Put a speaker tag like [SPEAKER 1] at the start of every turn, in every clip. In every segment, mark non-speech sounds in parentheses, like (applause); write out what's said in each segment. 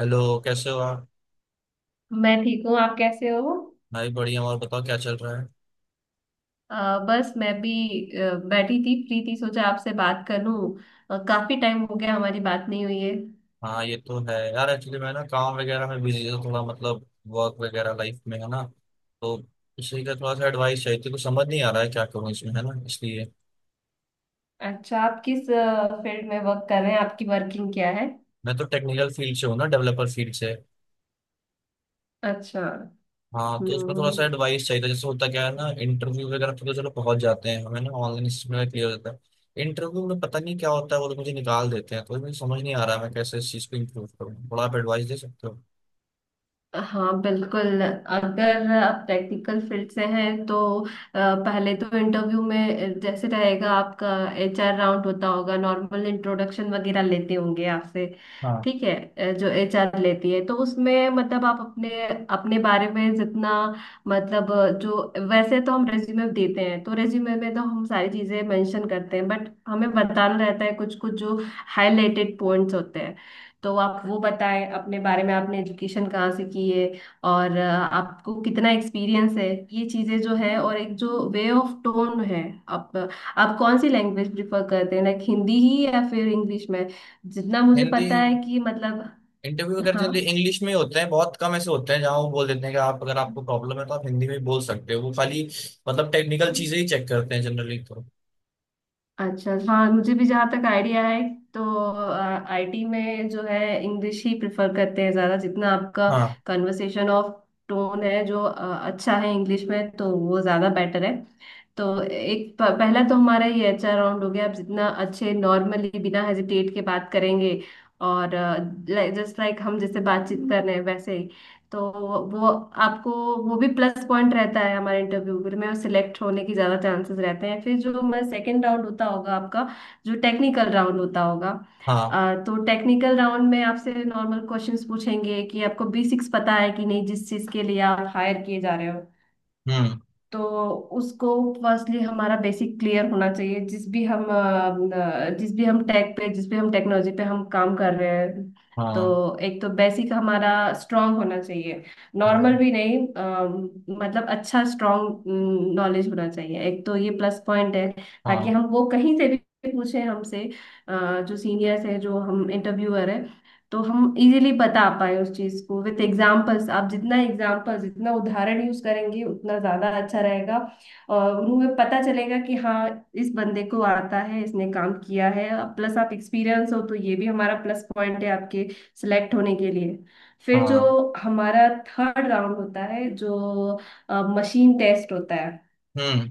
[SPEAKER 1] Hello. कैसे हो आप?
[SPEAKER 2] मैं ठीक हूँ। आप कैसे हो?
[SPEAKER 1] भाई बढ़िया। और बताओ, क्या चल रहा है?
[SPEAKER 2] अ, बस मैं भी बैठी थी, फ्री थी, सोचा आपसे बात कर लूँ। काफी टाइम हो गया, हमारी बात नहीं हुई है।
[SPEAKER 1] हाँ, ये तो है यार। एक्चुअली मैं ना काम वगैरह में बिजी था, थोड़ा मतलब वर्क वगैरह, लाइफ में है ना। तो उसी का थोड़ा सा एडवाइस चाहिए थी, कुछ समझ नहीं आ रहा है क्या करूँ इसमें, है ना, इसलिए।
[SPEAKER 2] अच्छा, आप किस फील्ड में वर्क कर रहे हैं? आपकी वर्किंग क्या है?
[SPEAKER 1] मैं तो टेक्निकल फील्ड से हूँ ना, डेवलपर फील्ड से।
[SPEAKER 2] अच्छा।
[SPEAKER 1] हाँ, तो उसमें थोड़ा सा
[SPEAKER 2] हम्म।
[SPEAKER 1] एडवाइस चाहिए था। जैसे होता क्या है ना, इंटरव्यू वगैरह पे तो चलो पहुंच जाते हैं हमें, ना ऑनलाइन इसमें क्लियर होता है। इंटरव्यू में पता नहीं क्या होता है, वो लोग मुझे निकाल देते हैं। तो मुझे समझ नहीं आ रहा है मैं कैसे इस चीज़ को इम्प्रूव करूँ, थोड़ा आप एडवाइस दे सकते हो?
[SPEAKER 2] हाँ, बिल्कुल। अगर आप टेक्निकल फील्ड से हैं तो अ, पहले तो इंटरव्यू में जैसे रहेगा आपका एचआर राउंड होता होगा, नॉर्मल इंट्रोडक्शन वगैरह लेते होंगे आपसे।
[SPEAKER 1] हाँ।
[SPEAKER 2] ठीक है। जो एचआर लेती है, तो उसमें मतलब आप अपने अपने बारे में जितना मतलब जो, वैसे तो हम रेज्यूमे देते हैं, तो रेज्यूमे में तो हम सारी चीजें मेंशन करते हैं, बट हमें बताना रहता है कुछ कुछ जो हाईलाइटेड पॉइंट्स होते हैं। तो आप वो बताएं अपने बारे में, आपने एजुकेशन कहाँ से की है और आपको कितना एक्सपीरियंस है, ये चीजें जो है। और एक जो वे ऑफ टोन है, आप आप कौन सी लैंग्वेज प्रिफर करते हैं, लाइक हिंदी ही या फिर इंग्लिश में? जितना मुझे
[SPEAKER 1] हिंदी।
[SPEAKER 2] पता है कि मतलब।
[SPEAKER 1] इंटरव्यू अगर
[SPEAKER 2] हाँ।
[SPEAKER 1] जनरली इंग्लिश में ही होते हैं, बहुत कम ऐसे होते हैं जहाँ वो बोल देते हैं कि आप, अगर आपको प्रॉब्लम है तो आप हिंदी में भी बोल सकते हो। वो खाली मतलब टेक्निकल चीजें ही चेक करते हैं जनरली तो।
[SPEAKER 2] अच्छा, हाँ, मुझे भी जहाँ तक आइडिया है, तो आईटी में जो है, इंग्लिश ही प्रेफर करते हैं ज़्यादा। जितना आपका
[SPEAKER 1] हाँ।
[SPEAKER 2] कन्वर्सेशन ऑफ टोन है जो अच्छा है इंग्लिश में, तो वो ज़्यादा बेटर है। तो एक पहला तो हमारा ये अच्छा राउंड हो गया। आप जितना अच्छे नॉर्मली बिना हेजिटेट के बात करेंगे और जस्ट लाइक हम जैसे बातचीत कर रहे हैं वैसे, तो वो आपको वो भी प्लस पॉइंट रहता है, हमारे इंटरव्यू में सिलेक्ट होने की ज़्यादा चांसेस रहते हैं। फिर जो हमारा सेकेंड राउंड होता होगा आपका, जो टेक्निकल राउंड होता होगा,
[SPEAKER 1] हाँ।
[SPEAKER 2] तो टेक्निकल राउंड में आपसे नॉर्मल क्वेश्चंस पूछेंगे कि आपको बेसिक्स पता है कि नहीं, जिस चीज़ के लिए आप हायर किए जा रहे हो।
[SPEAKER 1] हम्म।
[SPEAKER 2] तो उसको फर्स्टली हमारा बेसिक क्लियर होना चाहिए, जिस भी हम टेक पे, जिस भी हम टेक्नोलॉजी पे हम काम कर रहे हैं। तो
[SPEAKER 1] हाँ।
[SPEAKER 2] एक तो बेसिक हमारा स्ट्रांग होना चाहिए, नॉर्मल
[SPEAKER 1] हाँ।
[SPEAKER 2] भी नहीं। मतलब अच्छा स्ट्रांग नॉलेज होना चाहिए, एक तो ये प्लस पॉइंट है। ताकि
[SPEAKER 1] हाँ।
[SPEAKER 2] हम वो कहीं से भी पूछे हमसे, जो सीनियर्स है, जो हम इंटरव्यूअर है, तो हम इजीली बता पाए उस चीज को विथ एग्जाम्पल्स। आप जितना एग्जाम्पल्स, जितना उदाहरण यूज करेंगे, उतना ज्यादा अच्छा रहेगा। और उन्हें पता चलेगा कि हाँ, इस बंदे को आता है, इसने काम किया है। प्लस आप एक्सपीरियंस हो, तो ये भी हमारा प्लस पॉइंट है आपके सिलेक्ट होने के लिए। फिर जो
[SPEAKER 1] हाँ।
[SPEAKER 2] हमारा थर्ड राउंड होता है, जो मशीन टेस्ट होता है,
[SPEAKER 1] हम्म।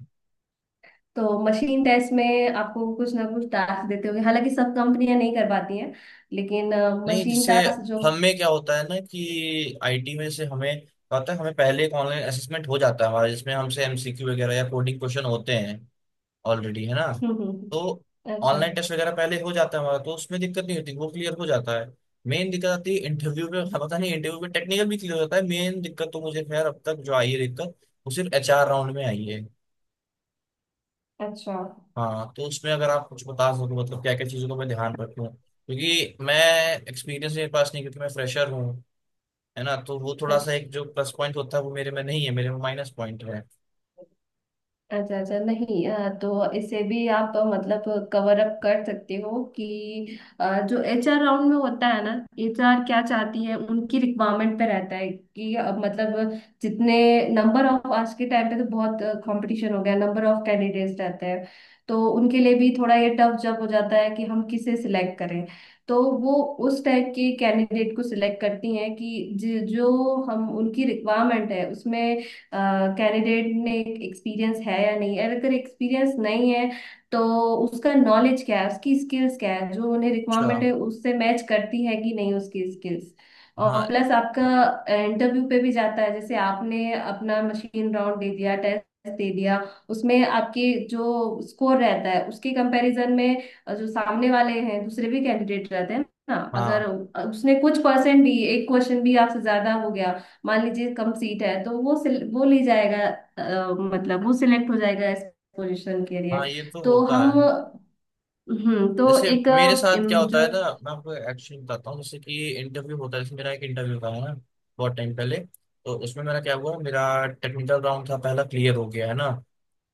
[SPEAKER 2] तो मशीन टेस्ट में आपको कुछ ना कुछ टास्क देते होंगे, हालांकि सब कंपनियां नहीं कर पाती हैं। लेकिन
[SPEAKER 1] नहीं,
[SPEAKER 2] मशीन
[SPEAKER 1] जैसे
[SPEAKER 2] टास्क
[SPEAKER 1] हमें क्या होता है ना, कि आईटी में से हमें क्या होता है, हमें पहले एक ऑनलाइन असेसमेंट हो जाता है हमारा, जिसमें हमसे एमसीक्यू वगैरह या कोडिंग क्वेश्चन होते हैं ऑलरेडी, है ना।
[SPEAKER 2] जो (laughs)
[SPEAKER 1] तो
[SPEAKER 2] अच्छा।
[SPEAKER 1] ऑनलाइन टेस्ट वगैरह पहले हो जाता है हमारा, तो उसमें दिक्कत नहीं होती, वो क्लियर हो जाता है। मेन दिक्कत आती है इंटरव्यू में। हाँ, पता नहीं, इंटरव्यू में टेक्निकल भी क्लियर होता है। मेन दिक्कत तो मुझे खैर अब तक जो आई है दिक्कत, वो सिर्फ एचआर राउंड में आई है।
[SPEAKER 2] अच्छा
[SPEAKER 1] हाँ, तो उसमें अगर आप कुछ बता सको मतलब क्या क्या चीज़ों को मैं ध्यान रखूँ, क्योंकि मैं एक्सपीरियंस मेरे पास नहीं, क्योंकि मैं फ्रेशर हूँ। है ना, तो वो थोड़ा सा
[SPEAKER 2] अच्छा
[SPEAKER 1] एक जो प्लस पॉइंट होता है वो मेरे में नहीं है, मेरे में माइनस पॉइंट है।
[SPEAKER 2] अच्छा अच्छा, नहीं, तो इसे भी आप मतलब कवर अप कर सकते हो कि जो एचआर राउंड में होता है ना, एचआर क्या चाहती है, उनकी रिक्वायरमेंट पे रहता है कि मतलब जितने नंबर ऑफ, आज के टाइम पे तो बहुत कंपटीशन हो गया, नंबर ऑफ कैंडिडेट्स रहते हैं, तो उनके लिए भी थोड़ा ये टफ जब हो जाता है कि हम किसे सिलेक्ट करें। तो वो उस टाइप के कैंडिडेट को सिलेक्ट करती हैं कि जो हम उनकी रिक्वायरमेंट है उसमें, कैंडिडेट ने एक्सपीरियंस है या नहीं है। अगर एक्सपीरियंस नहीं है, तो उसका नॉलेज क्या है, उसकी स्किल्स क्या है, जो उन्हें
[SPEAKER 1] अच्छा।
[SPEAKER 2] रिक्वायरमेंट है उससे मैच करती है कि नहीं उसकी स्किल्स। और
[SPEAKER 1] हाँ।
[SPEAKER 2] प्लस आपका इंटरव्यू पे भी जाता है। जैसे आपने अपना मशीन राउंड दे दिया, टेस्ट दे दिया, उसमें आपके जो स्कोर रहता है, उसके कंपैरिजन में जो सामने वाले हैं दूसरे भी कैंडिडेट रहते हैं ना, अगर
[SPEAKER 1] हाँ,
[SPEAKER 2] उसने कुछ परसेंट भी, एक क्वेश्चन भी आपसे ज्यादा हो गया, मान लीजिए कम सीट है, तो वो वो ली जाएगा, मतलब वो सिलेक्ट हो जाएगा इस पोजीशन के लिए।
[SPEAKER 1] हाँ, ये तो
[SPEAKER 2] तो
[SPEAKER 1] होता
[SPEAKER 2] हम
[SPEAKER 1] है।
[SPEAKER 2] हम्म। तो
[SPEAKER 1] जैसे
[SPEAKER 2] एक
[SPEAKER 1] मेरे साथ क्या होता है
[SPEAKER 2] जो
[SPEAKER 1] ना, मैं आपको एक्चुअली बताता हूँ। जैसे कि इंटरव्यू होता है, जैसे मेरा एक इंटरव्यू था, है ना, बहुत टाइम पहले। तो उसमें मेरा क्या हुआ, मेरा टेक्निकल राउंड था पहला, क्लियर हो गया है ना।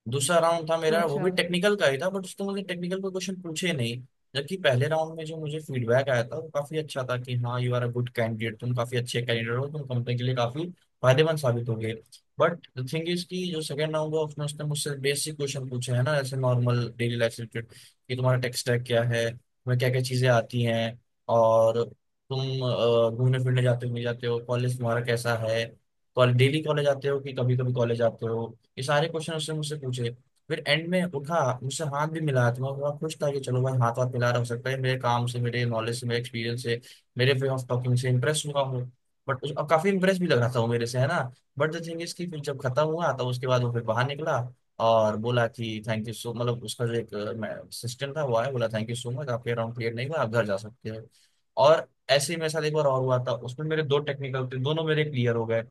[SPEAKER 1] दूसरा राउंड था मेरा, वो
[SPEAKER 2] अच्छा।
[SPEAKER 1] भी टेक्निकल का ही था, बट उसमें मुझे टेक्निकल के क्वेश्चन पूछे नहीं। जबकि पहले राउंड में जो मुझे फीडबैक आया था वो काफी अच्छा था कि हाँ you are a good candidate, तुम काफी अच्छे कैंडिडेट हो, तुम कंपनी के लिए काफी फायदेमंद साबित होगे। बट द थिंग इज कि जो सेकंड राउंड हुआ, उसमें उसने मुझसे बेसिक क्वेश्चन पूछे, है ना, जैसे नॉर्मल डेली लाइफ से रिलेटेड। कि तुम्हारा टेक स्टैक क्या है, तुम्हें क्या क्या चीजें आती हैं, और तुम घूमने फिरने जाते हो नहीं जाते हो, कॉलेज तुम्हारा कैसा है, कॉलेज डेली कॉलेज आते हो कि कभी कभी कॉलेज आते हो। ये सारे क्वेश्चन उसने मुझसे पूछे। फिर एंड में उठा, मुझसे हाथ भी मिलाया, तो मैं बड़ा खुश था कि चलो भाई हाथ हाथ मिला रहा, हो सकता है मेरे काम से, मेरे नॉलेज से, मेरे एक्सपीरियंस से, मेरे वे ऑफ टॉकिंग से इंप्रेस हुआ हूँ। बट अब काफी इंप्रेस भी लग रहा था वो मेरे से, है ना। बट द थिंग इज कि फिर जब खत्म हुआ तब उसके बाद वो फिर बाहर निकला और बोला कि थैंक यू सो, मतलब उसका जो एक असिस्टेंट था वो आया, बोला थैंक यू सो मच, आपके अराउंड क्लियर नहीं हुआ, आप घर जा सकते हो। और ऐसे ही मेरे साथ एक बार और हुआ था, उसमें मेरे दो टेक्निकल थे, दोनों मेरे क्लियर हो गए।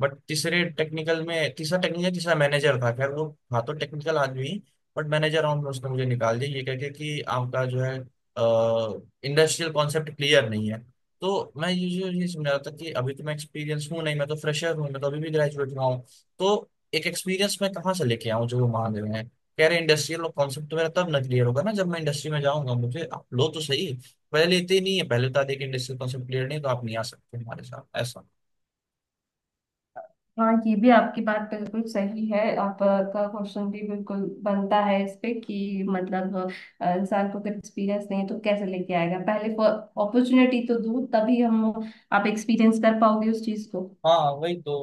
[SPEAKER 1] बट तीसरे टेक्निकल में, तीसरा टेक्निकल, तीसरा मैनेजर था, खैर वो था तो टेक्निकल आदमी, बट मैनेजर राउंड में उसने मुझे निकाल दिया ये कह के कि आपका जो है इंडस्ट्रियल कॉन्सेप्ट क्लियर नहीं है। तो मैं ये समझ रहा था कि अभी तो मैं एक्सपीरियंस हूँ नहीं, मैं तो फ्रेशर हूँ, मैं तो अभी भी ग्रेजुएट हुआ हूँ। तो एक एक्सपीरियंस मैं कहाँ से लेके आऊँ जो वो मांग रहे हैं, कह रहे इंडस्ट्रियल कॉन्सेप्ट। तो मेरा तब ना क्लियर होगा ना जब मैं इंडस्ट्री में जाऊंगा, मुझे आप लो तो सही। पहले लेते ही नहीं है, पहले बता दे कि इंडस्ट्रियल कॉन्सेप्ट क्लियर नहीं है, तो आप नहीं आ सकते हमारे साथ, ऐसा।
[SPEAKER 2] हाँ, ये भी आपकी बात बिल्कुल सही है, आपका क्वेश्चन भी बिल्कुल बनता है इस पे कि मतलब इंसान को अगर एक्सपीरियंस नहीं है, तो कैसे लेके आएगा? पहले अपॉर्चुनिटी तो दूर, तभी हम आप एक्सपीरियंस कर पाओगे उस चीज को।
[SPEAKER 1] हाँ वही तो।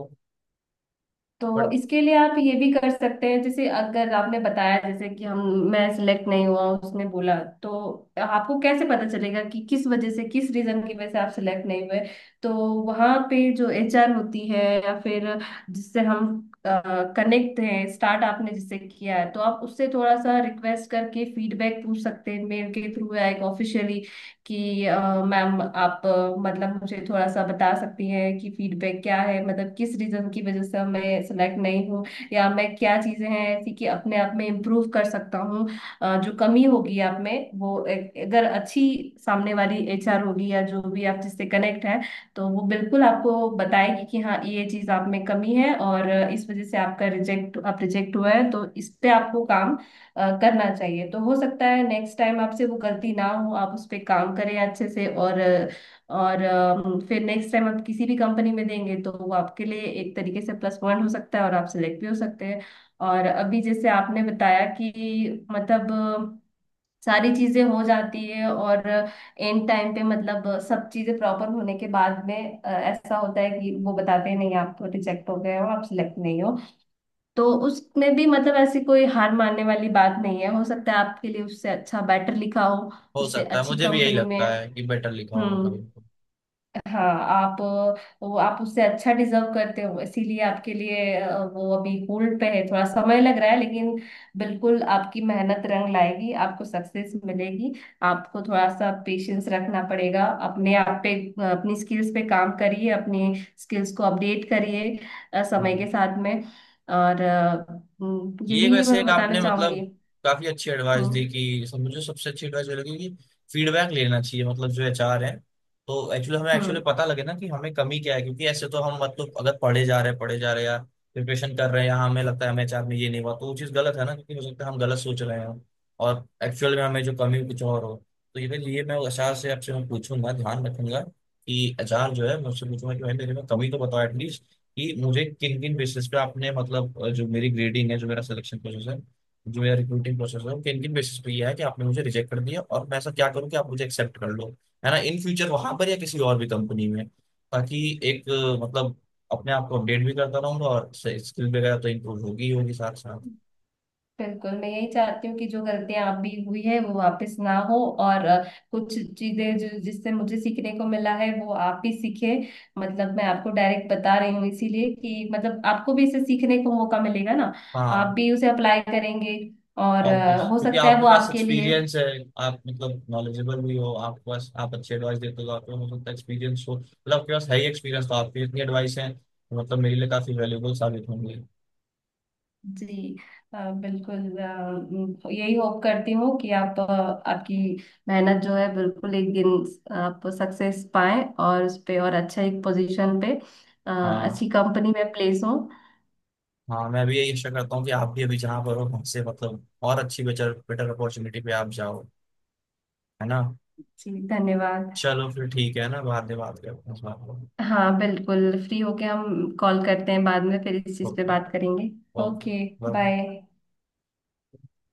[SPEAKER 2] तो
[SPEAKER 1] बट
[SPEAKER 2] इसके लिए आप ये भी कर सकते हैं, जैसे अगर आपने बताया जैसे कि हम, मैं सिलेक्ट नहीं हुआ उसने बोला, तो आपको कैसे पता चलेगा कि किस वजह से, किस रीजन की वजह से आप सिलेक्ट नहीं हुए। तो वहां पे जो एचआर होती है या फिर जिससे हम कनेक्ट हैं, स्टार्ट आपने जिससे किया है, तो आप उससे थोड़ा सा रिक्वेस्ट करके फीडबैक पूछ सकते हैं मेल के थ्रू या एक ऑफिशियली कि मैम आप मतलब मुझे थोड़ा सा बता सकती हैं कि फीडबैक क्या है, मतलब किस रीजन की वजह से मैं सेलेक्ट नहीं हूँ, या मैं, क्या चीजें हैं ऐसी कि अपने आप में इम्प्रूव कर सकता हूँ। जो कमी होगी आप में, वो अगर अच्छी सामने वाली एचआर होगी या जो भी आप जिससे कनेक्ट है, तो वो बिल्कुल आपको बताएगी कि हाँ, ये चीज आप में कमी है और इस वजह से आपका रिजेक्ट आप रिजेक्ट हुआ है। तो इस पे आपको काम करना चाहिए। तो हो सकता है नेक्स्ट टाइम आपसे वो गलती ना हो, आप उस पर काम करें अच्छे से। और फिर नेक्स्ट टाइम आप किसी भी कंपनी में देंगे, तो वो आपके लिए एक तरीके से प्लस पॉइंट हो सकता है और आप सिलेक्ट भी हो सकते हैं। और अभी जैसे आपने बताया कि मतलब सारी चीजें हो जाती है और एंड टाइम पे मतलब सब चीजें प्रॉपर होने के बाद में ऐसा होता है कि वो बताते हैं नहीं, आप रिजेक्ट हो गए हो, आप सिलेक्ट नहीं हो। तो उसमें भी मतलब ऐसी कोई हार मानने वाली बात नहीं है। हो सकता है आपके लिए उससे अच्छा बेटर लिखा हो,
[SPEAKER 1] हो
[SPEAKER 2] उससे
[SPEAKER 1] सकता है,
[SPEAKER 2] अच्छी
[SPEAKER 1] मुझे भी यही
[SPEAKER 2] कंपनी में।
[SPEAKER 1] लगता है कि बेटर लिखा होगा
[SPEAKER 2] हम्म।
[SPEAKER 1] कभी।
[SPEAKER 2] हाँ, आप, वो आप उससे अच्छा डिजर्व करते हो, इसीलिए आपके लिए वो अभी होल्ड पे है, थोड़ा समय लग रहा है, लेकिन बिल्कुल आपकी मेहनत रंग लाएगी, आपको सक्सेस मिलेगी। आपको थोड़ा सा पेशेंस रखना पड़ेगा अपने आप पे, अपनी स्किल्स पे काम करिए, अपनी स्किल्स को अपडेट करिए समय के
[SPEAKER 1] हाँ।
[SPEAKER 2] साथ में। और
[SPEAKER 1] ये
[SPEAKER 2] यही
[SPEAKER 1] वैसे
[SPEAKER 2] मैं
[SPEAKER 1] एक
[SPEAKER 2] बताना
[SPEAKER 1] आपने
[SPEAKER 2] चाहूंगी।
[SPEAKER 1] मतलब काफी अच्छी एडवाइस दी
[SPEAKER 2] हम्म।
[SPEAKER 1] कि मुझे सबसे अच्छी एडवाइस ये लगी कि फीडबैक लेना चाहिए, मतलब जो एचआर है। तो एक्चुअली हमें एक्चुअली
[SPEAKER 2] हम्म।
[SPEAKER 1] पता लगे ना कि हमें कमी क्या है, क्योंकि ऐसे तो हम मतलब अगर पढ़े जा रहे हैं पढ़े जा रहे हैं या प्रिपरेशन कर रहे हैं या हमें लगता है हमें एचआर में ये नहीं हुआ, तो वो चीज़ गलत है ना, क्योंकि हो सकता है हम गलत सोच रहे हैं और एक्चुअल में हमें जो कमी है, कुछ और हो। तो ये मैं एचआर से, आपसे मैं पूछूंगा, ध्यान रखूंगा कि एचआर जो है मुझसे पूछूंगा कि भाई मेरे में कमी तो बताओ एटलीस्ट, कि मुझे किन किन बेसिस पे आपने मतलब जो मेरी ग्रेडिंग है, जो मेरा सिलेक्शन प्रोसेस है, जो मेरा रिक्रूटिंग प्रोसेस है, वो किन किन बेसिस पे ये है कि आपने मुझे रिजेक्ट कर दिया, और मैं ऐसा क्या करूँ कि आप मुझे एक्सेप्ट कर लो, है ना, इन फ्यूचर वहां पर या किसी और भी कंपनी में। ताकि एक मतलब अपने आप को अपडेट भी करता रहूंगा और स्किल वगैरह तो इम्प्रूव होगी ही होगी साथ साथ।
[SPEAKER 2] बिल्कुल, मैं यही चाहती हूँ कि जो गलतियां आप भी हुई है वो वापस ना हो। और कुछ चीजें जो, जिससे मुझे सीखने को मिला है, वो आप भी सीखे। मतलब मैं आपको डायरेक्ट बता रही हूँ इसीलिए कि मतलब आपको भी इसे सीखने को मौका मिलेगा ना, आप
[SPEAKER 1] हाँ
[SPEAKER 2] भी उसे अप्लाई करेंगे। और
[SPEAKER 1] ऑब्वियस,
[SPEAKER 2] हो
[SPEAKER 1] क्योंकि
[SPEAKER 2] सकता है
[SPEAKER 1] आपके
[SPEAKER 2] वो
[SPEAKER 1] पास
[SPEAKER 2] आपके लिए।
[SPEAKER 1] एक्सपीरियंस है, आप मतलब नॉलेजेबल भी हो, आपके पास, आप अच्छी एडवाइस देते हो, आपके पास हो सकता है एक्सपीरियंस हो, मतलब आपके पास है ही एक्सपीरियंस तो, आपकी इतनी एडवाइस है मतलब मेरे लिए काफी वैल्यूबल साबित होंगी।
[SPEAKER 2] जी, बिल्कुल, यही होप करती हूँ कि आप, आपकी मेहनत जो है बिल्कुल, एक दिन आप सक्सेस पाएं और उस पे और अच्छा एक पोजीशन पे, अ,
[SPEAKER 1] हाँ।
[SPEAKER 2] अच्छी कंपनी में प्लेस हो।
[SPEAKER 1] हाँ, मैं भी यही आशा करता हूँ कि आप भी अभी जहाँ पर हो वहाँ से मतलब और अच्छी बेटर बेटर अपॉर्चुनिटी पे आप जाओ, है ना।
[SPEAKER 2] जी धन्यवाद।
[SPEAKER 1] चलो फिर ठीक है ना, बाद में बात करते हैं इस बात पर।
[SPEAKER 2] हाँ बिल्कुल, फ्री होके हम कॉल करते हैं, बाद में फिर इस चीज़ पे
[SPEAKER 1] ओके।
[SPEAKER 2] बात करेंगे।
[SPEAKER 1] ओके।
[SPEAKER 2] ओके।
[SPEAKER 1] बाय।
[SPEAKER 2] बाय।